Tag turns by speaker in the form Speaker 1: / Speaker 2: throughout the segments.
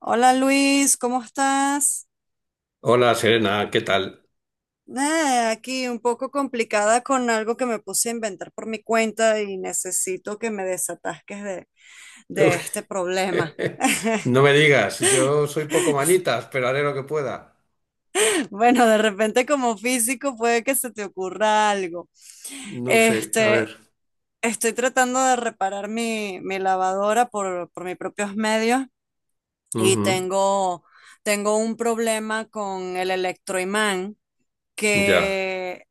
Speaker 1: Hola Luis, ¿cómo estás?
Speaker 2: Hola Serena, ¿qué tal?
Speaker 1: Nada, aquí un poco complicada con algo que me puse a inventar por mi cuenta y necesito que me desatasques de este problema.
Speaker 2: No me digas, yo soy poco manitas, pero haré lo que pueda.
Speaker 1: Bueno, de repente como físico puede que se te ocurra algo.
Speaker 2: No sé, a ver.
Speaker 1: Este, estoy tratando de reparar mi lavadora por mis propios medios y
Speaker 2: Ujú.
Speaker 1: tengo un problema con el electroimán
Speaker 2: Ya,
Speaker 1: que,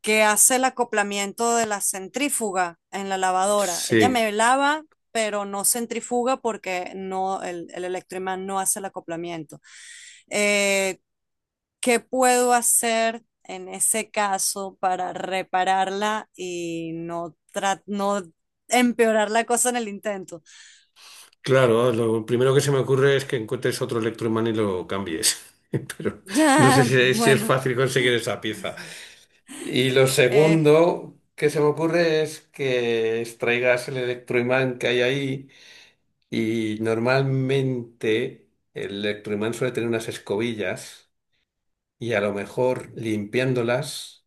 Speaker 1: que hace el acoplamiento de la centrífuga en la lavadora. Ella
Speaker 2: sí.
Speaker 1: me lava, pero no centrifuga porque no, el electroimán no hace el acoplamiento. Eh, ¿Qué puedo hacer en ese caso para repararla y no, no empeorar la cosa en el intento?
Speaker 2: Claro, lo primero que se me ocurre es que encuentres otro electroimán y lo cambies. Pero no sé
Speaker 1: Ah,
Speaker 2: si es
Speaker 1: bueno,
Speaker 2: fácil conseguir esa pieza. Y lo
Speaker 1: eh,
Speaker 2: segundo que se me ocurre es que extraigas el electroimán que hay ahí y normalmente el electroimán suele tener unas escobillas. Y a lo mejor limpiándolas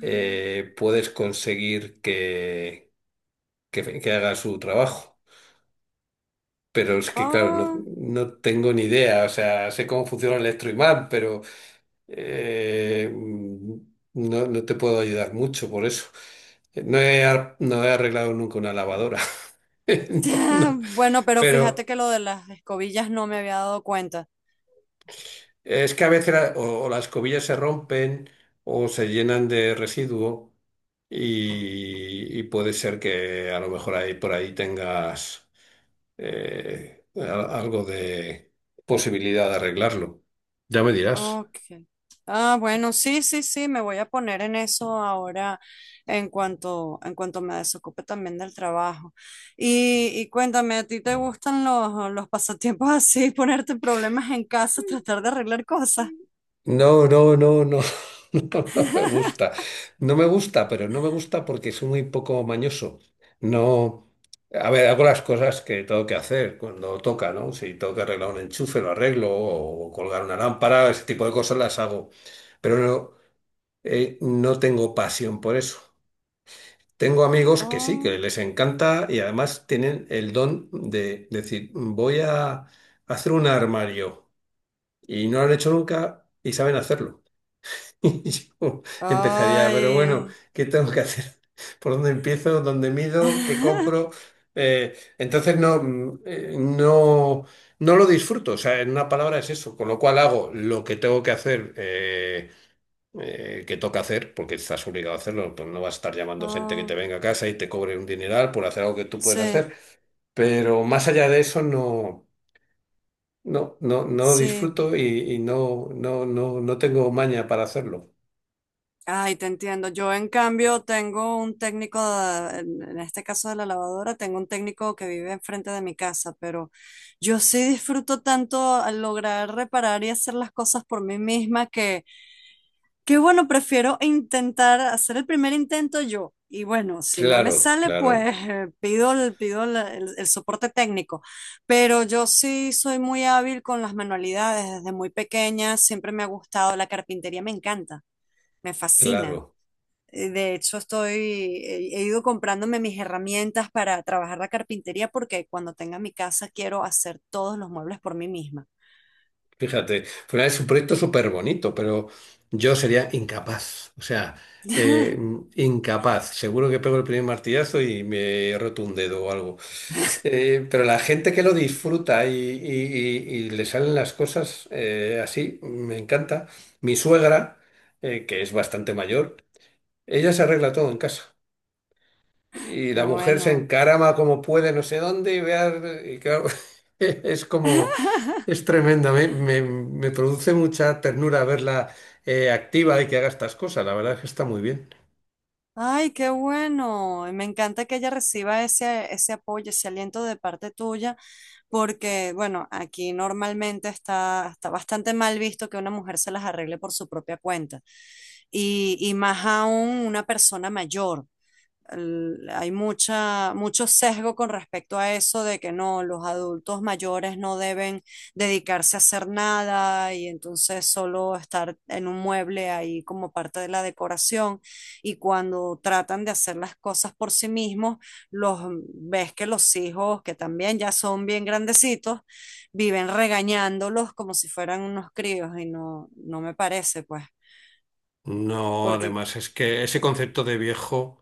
Speaker 2: puedes conseguir que haga su trabajo. Pero es que, claro, no,
Speaker 1: ah,
Speaker 2: no tengo ni idea. O sea, sé cómo funciona el electroimán, pero no, no te puedo ayudar mucho por eso. No he arreglado nunca una lavadora. No, no.
Speaker 1: Bueno, pero fíjate
Speaker 2: Pero
Speaker 1: que lo de las escobillas no me había dado cuenta.
Speaker 2: es que a veces o las cobillas se rompen o se llenan de residuo y puede ser que a lo mejor ahí por ahí tengas algo de posibilidad de arreglarlo. Ya me dirás.
Speaker 1: Ok. Ah, bueno, sí, sí, sí, me voy a poner en eso ahora en cuanto me desocupe también del trabajo. Y cuéntame, ¿a ti te gustan los pasatiempos así, ponerte problemas en casa, tratar de arreglar cosas?
Speaker 2: No, no, no, no, no, no me gusta. No me gusta, pero no me gusta porque soy muy poco mañoso. No, a ver, hago las cosas que tengo que hacer cuando toca, ¿no? Si tengo que arreglar un enchufe, lo arreglo, o colgar una lámpara, ese tipo de cosas las hago. Pero no, no tengo pasión por eso. Tengo amigos que sí, que
Speaker 1: Oh,
Speaker 2: les encanta y además tienen el don de decir, voy a hacer un armario y no lo han hecho nunca y saben hacerlo. Y yo empezaría, pero bueno,
Speaker 1: ay.
Speaker 2: ¿qué tengo que hacer? ¿Por dónde empiezo? ¿Dónde mido? ¿Qué compro? Entonces no, no, no lo disfruto. O sea, en una palabra es eso. Con lo cual hago lo que tengo que hacer, que toca hacer, porque estás obligado a hacerlo. Pues no vas a estar llamando gente que te
Speaker 1: Oh,
Speaker 2: venga a casa y te cobre un dineral por hacer algo que tú puedes
Speaker 1: sí,
Speaker 2: hacer. Pero más allá de eso, no, no, no lo
Speaker 1: sí,
Speaker 2: disfruto y no, no, no tengo maña para hacerlo.
Speaker 1: ay, te entiendo. Yo, en cambio, tengo un técnico, en este caso de la lavadora, tengo un técnico que vive enfrente de mi casa, pero yo sí disfruto tanto al lograr reparar y hacer las cosas por mí misma que bueno, prefiero intentar hacer el primer intento yo. Y bueno, si no me
Speaker 2: Claro,
Speaker 1: sale, pues
Speaker 2: claro.
Speaker 1: pido, pido el soporte técnico. Pero yo sí soy muy hábil con las manualidades. Desde muy pequeña siempre me ha gustado. La carpintería me encanta, me
Speaker 2: Claro,
Speaker 1: fascina. De hecho, he ido comprándome mis herramientas para trabajar la carpintería porque cuando tenga mi casa quiero hacer todos los muebles por mí misma.
Speaker 2: fíjate, al es un proyecto súper bonito, pero yo sería incapaz, o sea, eh, incapaz. Seguro que pego el primer martillazo y me roto un dedo o algo. Pero la gente que lo disfruta y, y le salen las cosas así, me encanta. Mi suegra, que es bastante mayor, ella se arregla todo en casa. Y
Speaker 1: Qué
Speaker 2: la mujer se
Speaker 1: bueno.
Speaker 2: encarama como puede, no sé dónde, y, y claro, es como, es tremenda, me produce mucha ternura verla activa y que haga estas cosas, la verdad es que está muy bien.
Speaker 1: Ay, qué bueno. Y me encanta que ella reciba ese apoyo, ese aliento de parte tuya, porque, bueno, aquí normalmente está bastante mal visto que una mujer se las arregle por su propia cuenta. Y más aún una persona mayor. Hay mucho sesgo con respecto a eso de que no, los adultos mayores no deben dedicarse a hacer nada y entonces solo estar en un mueble ahí como parte de la decoración. Y cuando tratan de hacer las cosas por sí mismos, los ves que los hijos, que también ya son bien grandecitos, viven regañándolos como si fueran unos críos y no, no me parece, pues,
Speaker 2: No,
Speaker 1: porque
Speaker 2: además es que ese concepto de viejo...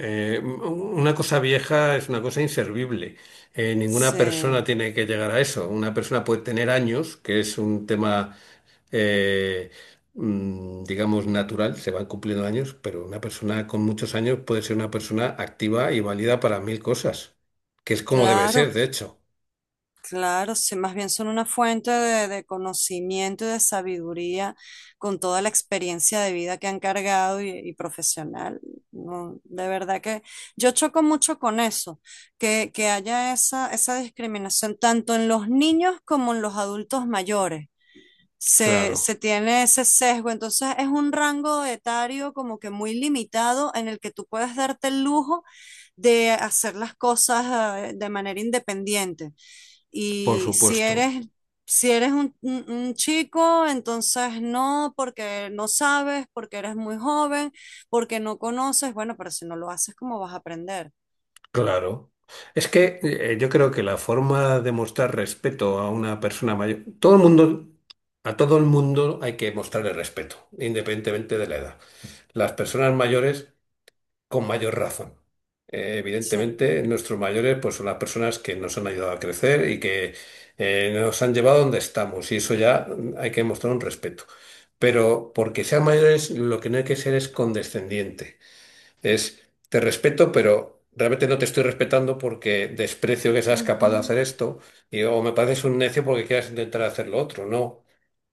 Speaker 2: Una cosa vieja es una cosa inservible. Ninguna
Speaker 1: se...
Speaker 2: persona tiene que llegar a eso. Una persona puede tener años, que es un tema, eh, digamos, natural, se van cumpliendo años, pero una persona con muchos años puede ser una persona activa y válida para mil cosas, que es como debe ser,
Speaker 1: Claro,
Speaker 2: de hecho.
Speaker 1: claro, sí, más bien son una fuente de conocimiento y de sabiduría con toda la experiencia de vida que han cargado y profesional. No, de verdad que yo choco mucho con eso, que haya esa discriminación tanto en los niños como en los adultos mayores se
Speaker 2: Claro,
Speaker 1: tiene ese sesgo. Entonces es un rango etario como que muy limitado en el que tú puedes darte el lujo de hacer las cosas de manera independiente.
Speaker 2: por
Speaker 1: Y si
Speaker 2: supuesto.
Speaker 1: si eres un chico, entonces no, porque no sabes, porque eres muy joven, porque no conoces. Bueno, pero si no lo haces, ¿cómo vas a aprender?
Speaker 2: Claro. Es que yo creo que la forma de mostrar respeto a una persona mayor, todo el mundo, a todo el mundo hay que mostrarle respeto, independientemente de la edad. Las personas mayores con mayor razón.
Speaker 1: Sí.
Speaker 2: Evidentemente, nuestros mayores pues son las personas que nos han ayudado a crecer y que nos han llevado donde estamos. Y eso ya hay que mostrar un respeto. Pero porque sean mayores, lo que no hay que ser es condescendiente. Es, te respeto, pero realmente no te estoy respetando porque desprecio que seas capaz de
Speaker 1: Ujú,
Speaker 2: hacer esto. Y, o me pareces un necio porque quieras intentar hacer lo otro. No.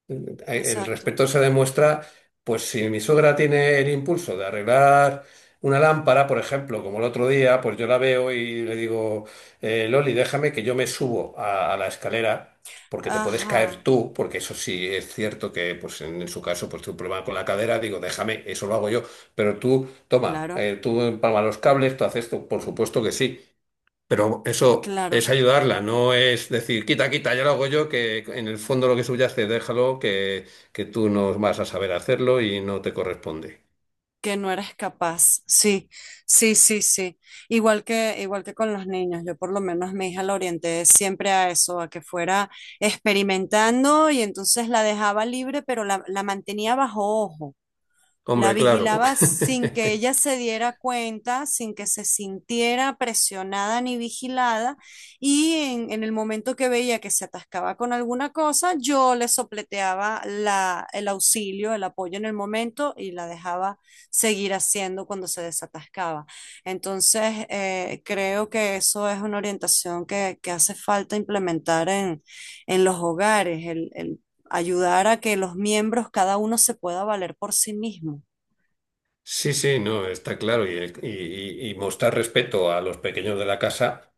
Speaker 2: Eh, El
Speaker 1: exacto.
Speaker 2: respeto se demuestra, pues si mi suegra tiene el impulso de arreglar una lámpara, por ejemplo, como el otro día, pues yo la veo y le digo, Loli, déjame que yo me subo a la escalera, porque te puedes caer
Speaker 1: Ajá.
Speaker 2: tú, porque eso sí es cierto que pues en su caso pues tuve un problema con la cadera, digo, déjame, eso lo hago yo, pero tú, toma,
Speaker 1: Claro,
Speaker 2: tú empalma los cables, tú haces esto, por supuesto que sí. Pero eso es
Speaker 1: claro.
Speaker 2: ayudarla, no es decir, quita, quita, ya lo hago yo, que en el fondo lo que subyace, déjalo, que tú no vas a saber hacerlo y no te corresponde.
Speaker 1: Que no eres capaz. Sí, sí, sí, sí. Igual que con los niños, yo por lo menos mi hija la orienté siempre a eso, a que fuera experimentando y entonces la dejaba libre, pero la mantenía bajo ojo. La
Speaker 2: Hombre, claro.
Speaker 1: vigilaba sin que ella se diera cuenta, sin que se sintiera presionada ni vigilada, y en el momento que veía que se atascaba con alguna cosa, yo le sopleteaba el auxilio, el apoyo en el momento y la dejaba seguir haciendo cuando se desatascaba. Entonces, creo que eso es una orientación que hace falta implementar en los hogares, el ayudar a que los miembros, cada uno se pueda valer por sí mismo.
Speaker 2: Sí, sí, no, está claro. Y, y- y mostrar respeto a los pequeños de la casa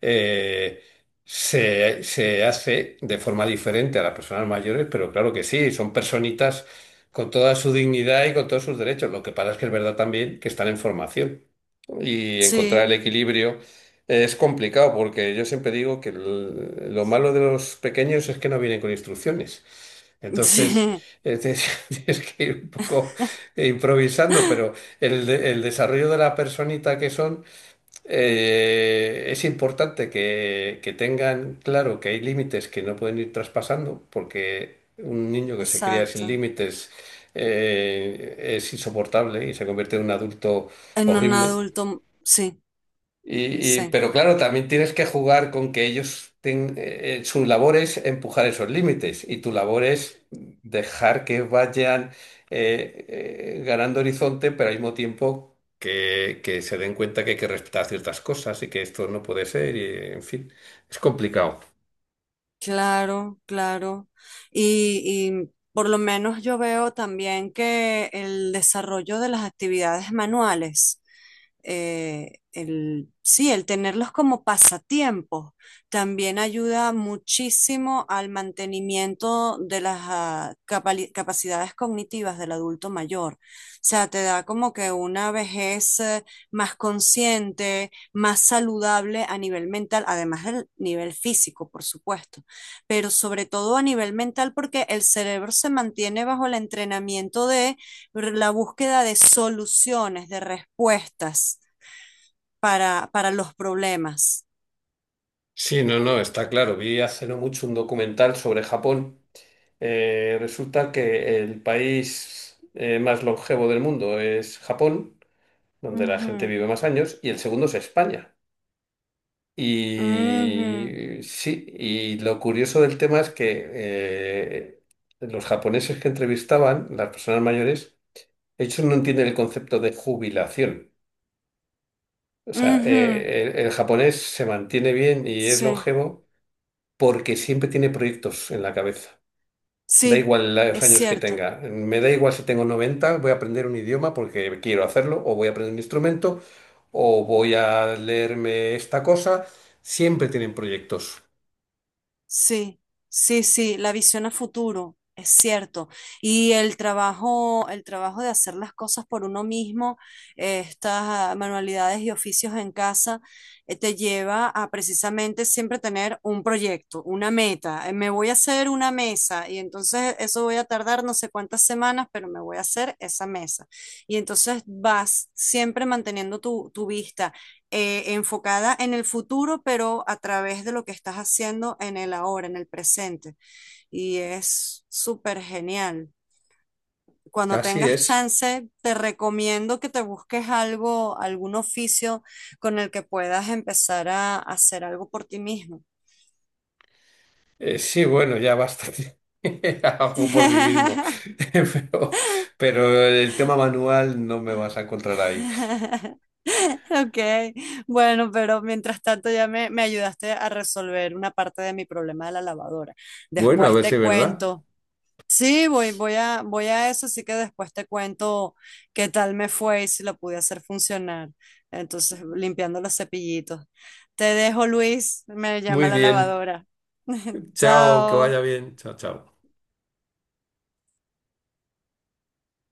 Speaker 2: eh, se hace de forma diferente a las personas mayores, pero claro que sí, son personitas con toda su dignidad y con todos sus derechos. Lo que pasa es que es verdad también que están en formación y encontrar el
Speaker 1: Sí,
Speaker 2: equilibrio es complicado porque yo siempre digo que lo malo de los pequeños es que no vienen con instrucciones. Entonces,
Speaker 1: sí,
Speaker 2: tienes tienes que ir un poco improvisando, pero el desarrollo de la personita que son es importante que tengan claro que hay límites que no pueden ir traspasando, porque un niño que se cría sin
Speaker 1: exacto.
Speaker 2: límites es insoportable y se convierte en un adulto
Speaker 1: En un
Speaker 2: horrible.
Speaker 1: adulto, sí,
Speaker 2: Y,
Speaker 1: sí.
Speaker 2: pero claro, también tienes que jugar con que ellos, su labor es empujar esos límites y tu labor es dejar que vayan eh, ganando horizonte, pero al mismo tiempo que se den cuenta que hay que respetar ciertas cosas y que esto no puede ser, y en fin, es complicado.
Speaker 1: Claro, claro. Y, y por lo menos yo veo también que el desarrollo de las actividades manuales, sí, el tenerlos como pasatiempos, también ayuda muchísimo al mantenimiento de las capacidades cognitivas del adulto mayor. O sea, te da como que una vejez más consciente, más saludable a nivel mental, además del nivel físico, por supuesto, pero sobre todo a nivel mental, porque el cerebro se mantiene bajo el entrenamiento de la búsqueda de soluciones, de respuestas para los problemas.
Speaker 2: Sí, no, no, está claro. Vi hace no mucho un documental sobre Japón. Resulta que el país más longevo del mundo es Japón, donde la gente
Speaker 1: Ujú,
Speaker 2: vive más años, y el segundo es España. Y sí, y lo curioso del tema es que los japoneses que entrevistaban, las personas mayores, ellos no entienden el concepto de jubilación. O
Speaker 1: ujú,
Speaker 2: sea,
Speaker 1: ujú.
Speaker 2: el japonés se mantiene bien y es
Speaker 1: Sí,
Speaker 2: longevo porque siempre tiene proyectos en la cabeza. Da
Speaker 1: sí,
Speaker 2: igual los
Speaker 1: es
Speaker 2: años que
Speaker 1: cierto.
Speaker 2: tenga. Me da igual si tengo 90, voy a aprender un idioma porque quiero hacerlo, o voy a aprender un instrumento, o voy a leerme esta cosa. Siempre tienen proyectos.
Speaker 1: Sí, sí, sí, la visión a futuro, es cierto. Y el trabajo de hacer las cosas por uno mismo, estas manualidades y oficios en casa, te lleva a precisamente siempre tener un proyecto, una meta. Me voy a hacer una mesa y entonces eso voy a tardar no sé cuántas semanas, pero me voy a hacer esa mesa. Y entonces vas siempre manteniendo tu vista enfocada en el futuro, pero a través de lo que estás haciendo en el ahora, en el presente. Y es súper genial. Cuando
Speaker 2: Así
Speaker 1: tengas
Speaker 2: es.
Speaker 1: chance, te recomiendo que te busques algo, algún oficio con el que puedas empezar a hacer algo por ti mismo.
Speaker 2: Sí, bueno, ya basta. Hago por mí mismo. Pero, pero el tema manual no me vas a encontrar ahí.
Speaker 1: Ok, bueno, pero mientras tanto ya me ayudaste a resolver una parte de mi problema de la lavadora.
Speaker 2: Bueno, a
Speaker 1: Después
Speaker 2: ver si
Speaker 1: te
Speaker 2: es verdad.
Speaker 1: cuento. Sí, voy a eso, así que después te cuento qué tal me fue y si lo pude hacer funcionar. Entonces, limpiando los cepillitos. Te dejo, Luis, me llama
Speaker 2: Muy
Speaker 1: la
Speaker 2: bien.
Speaker 1: lavadora.
Speaker 2: Chao, que vaya
Speaker 1: Chao.
Speaker 2: bien. Chao, chao.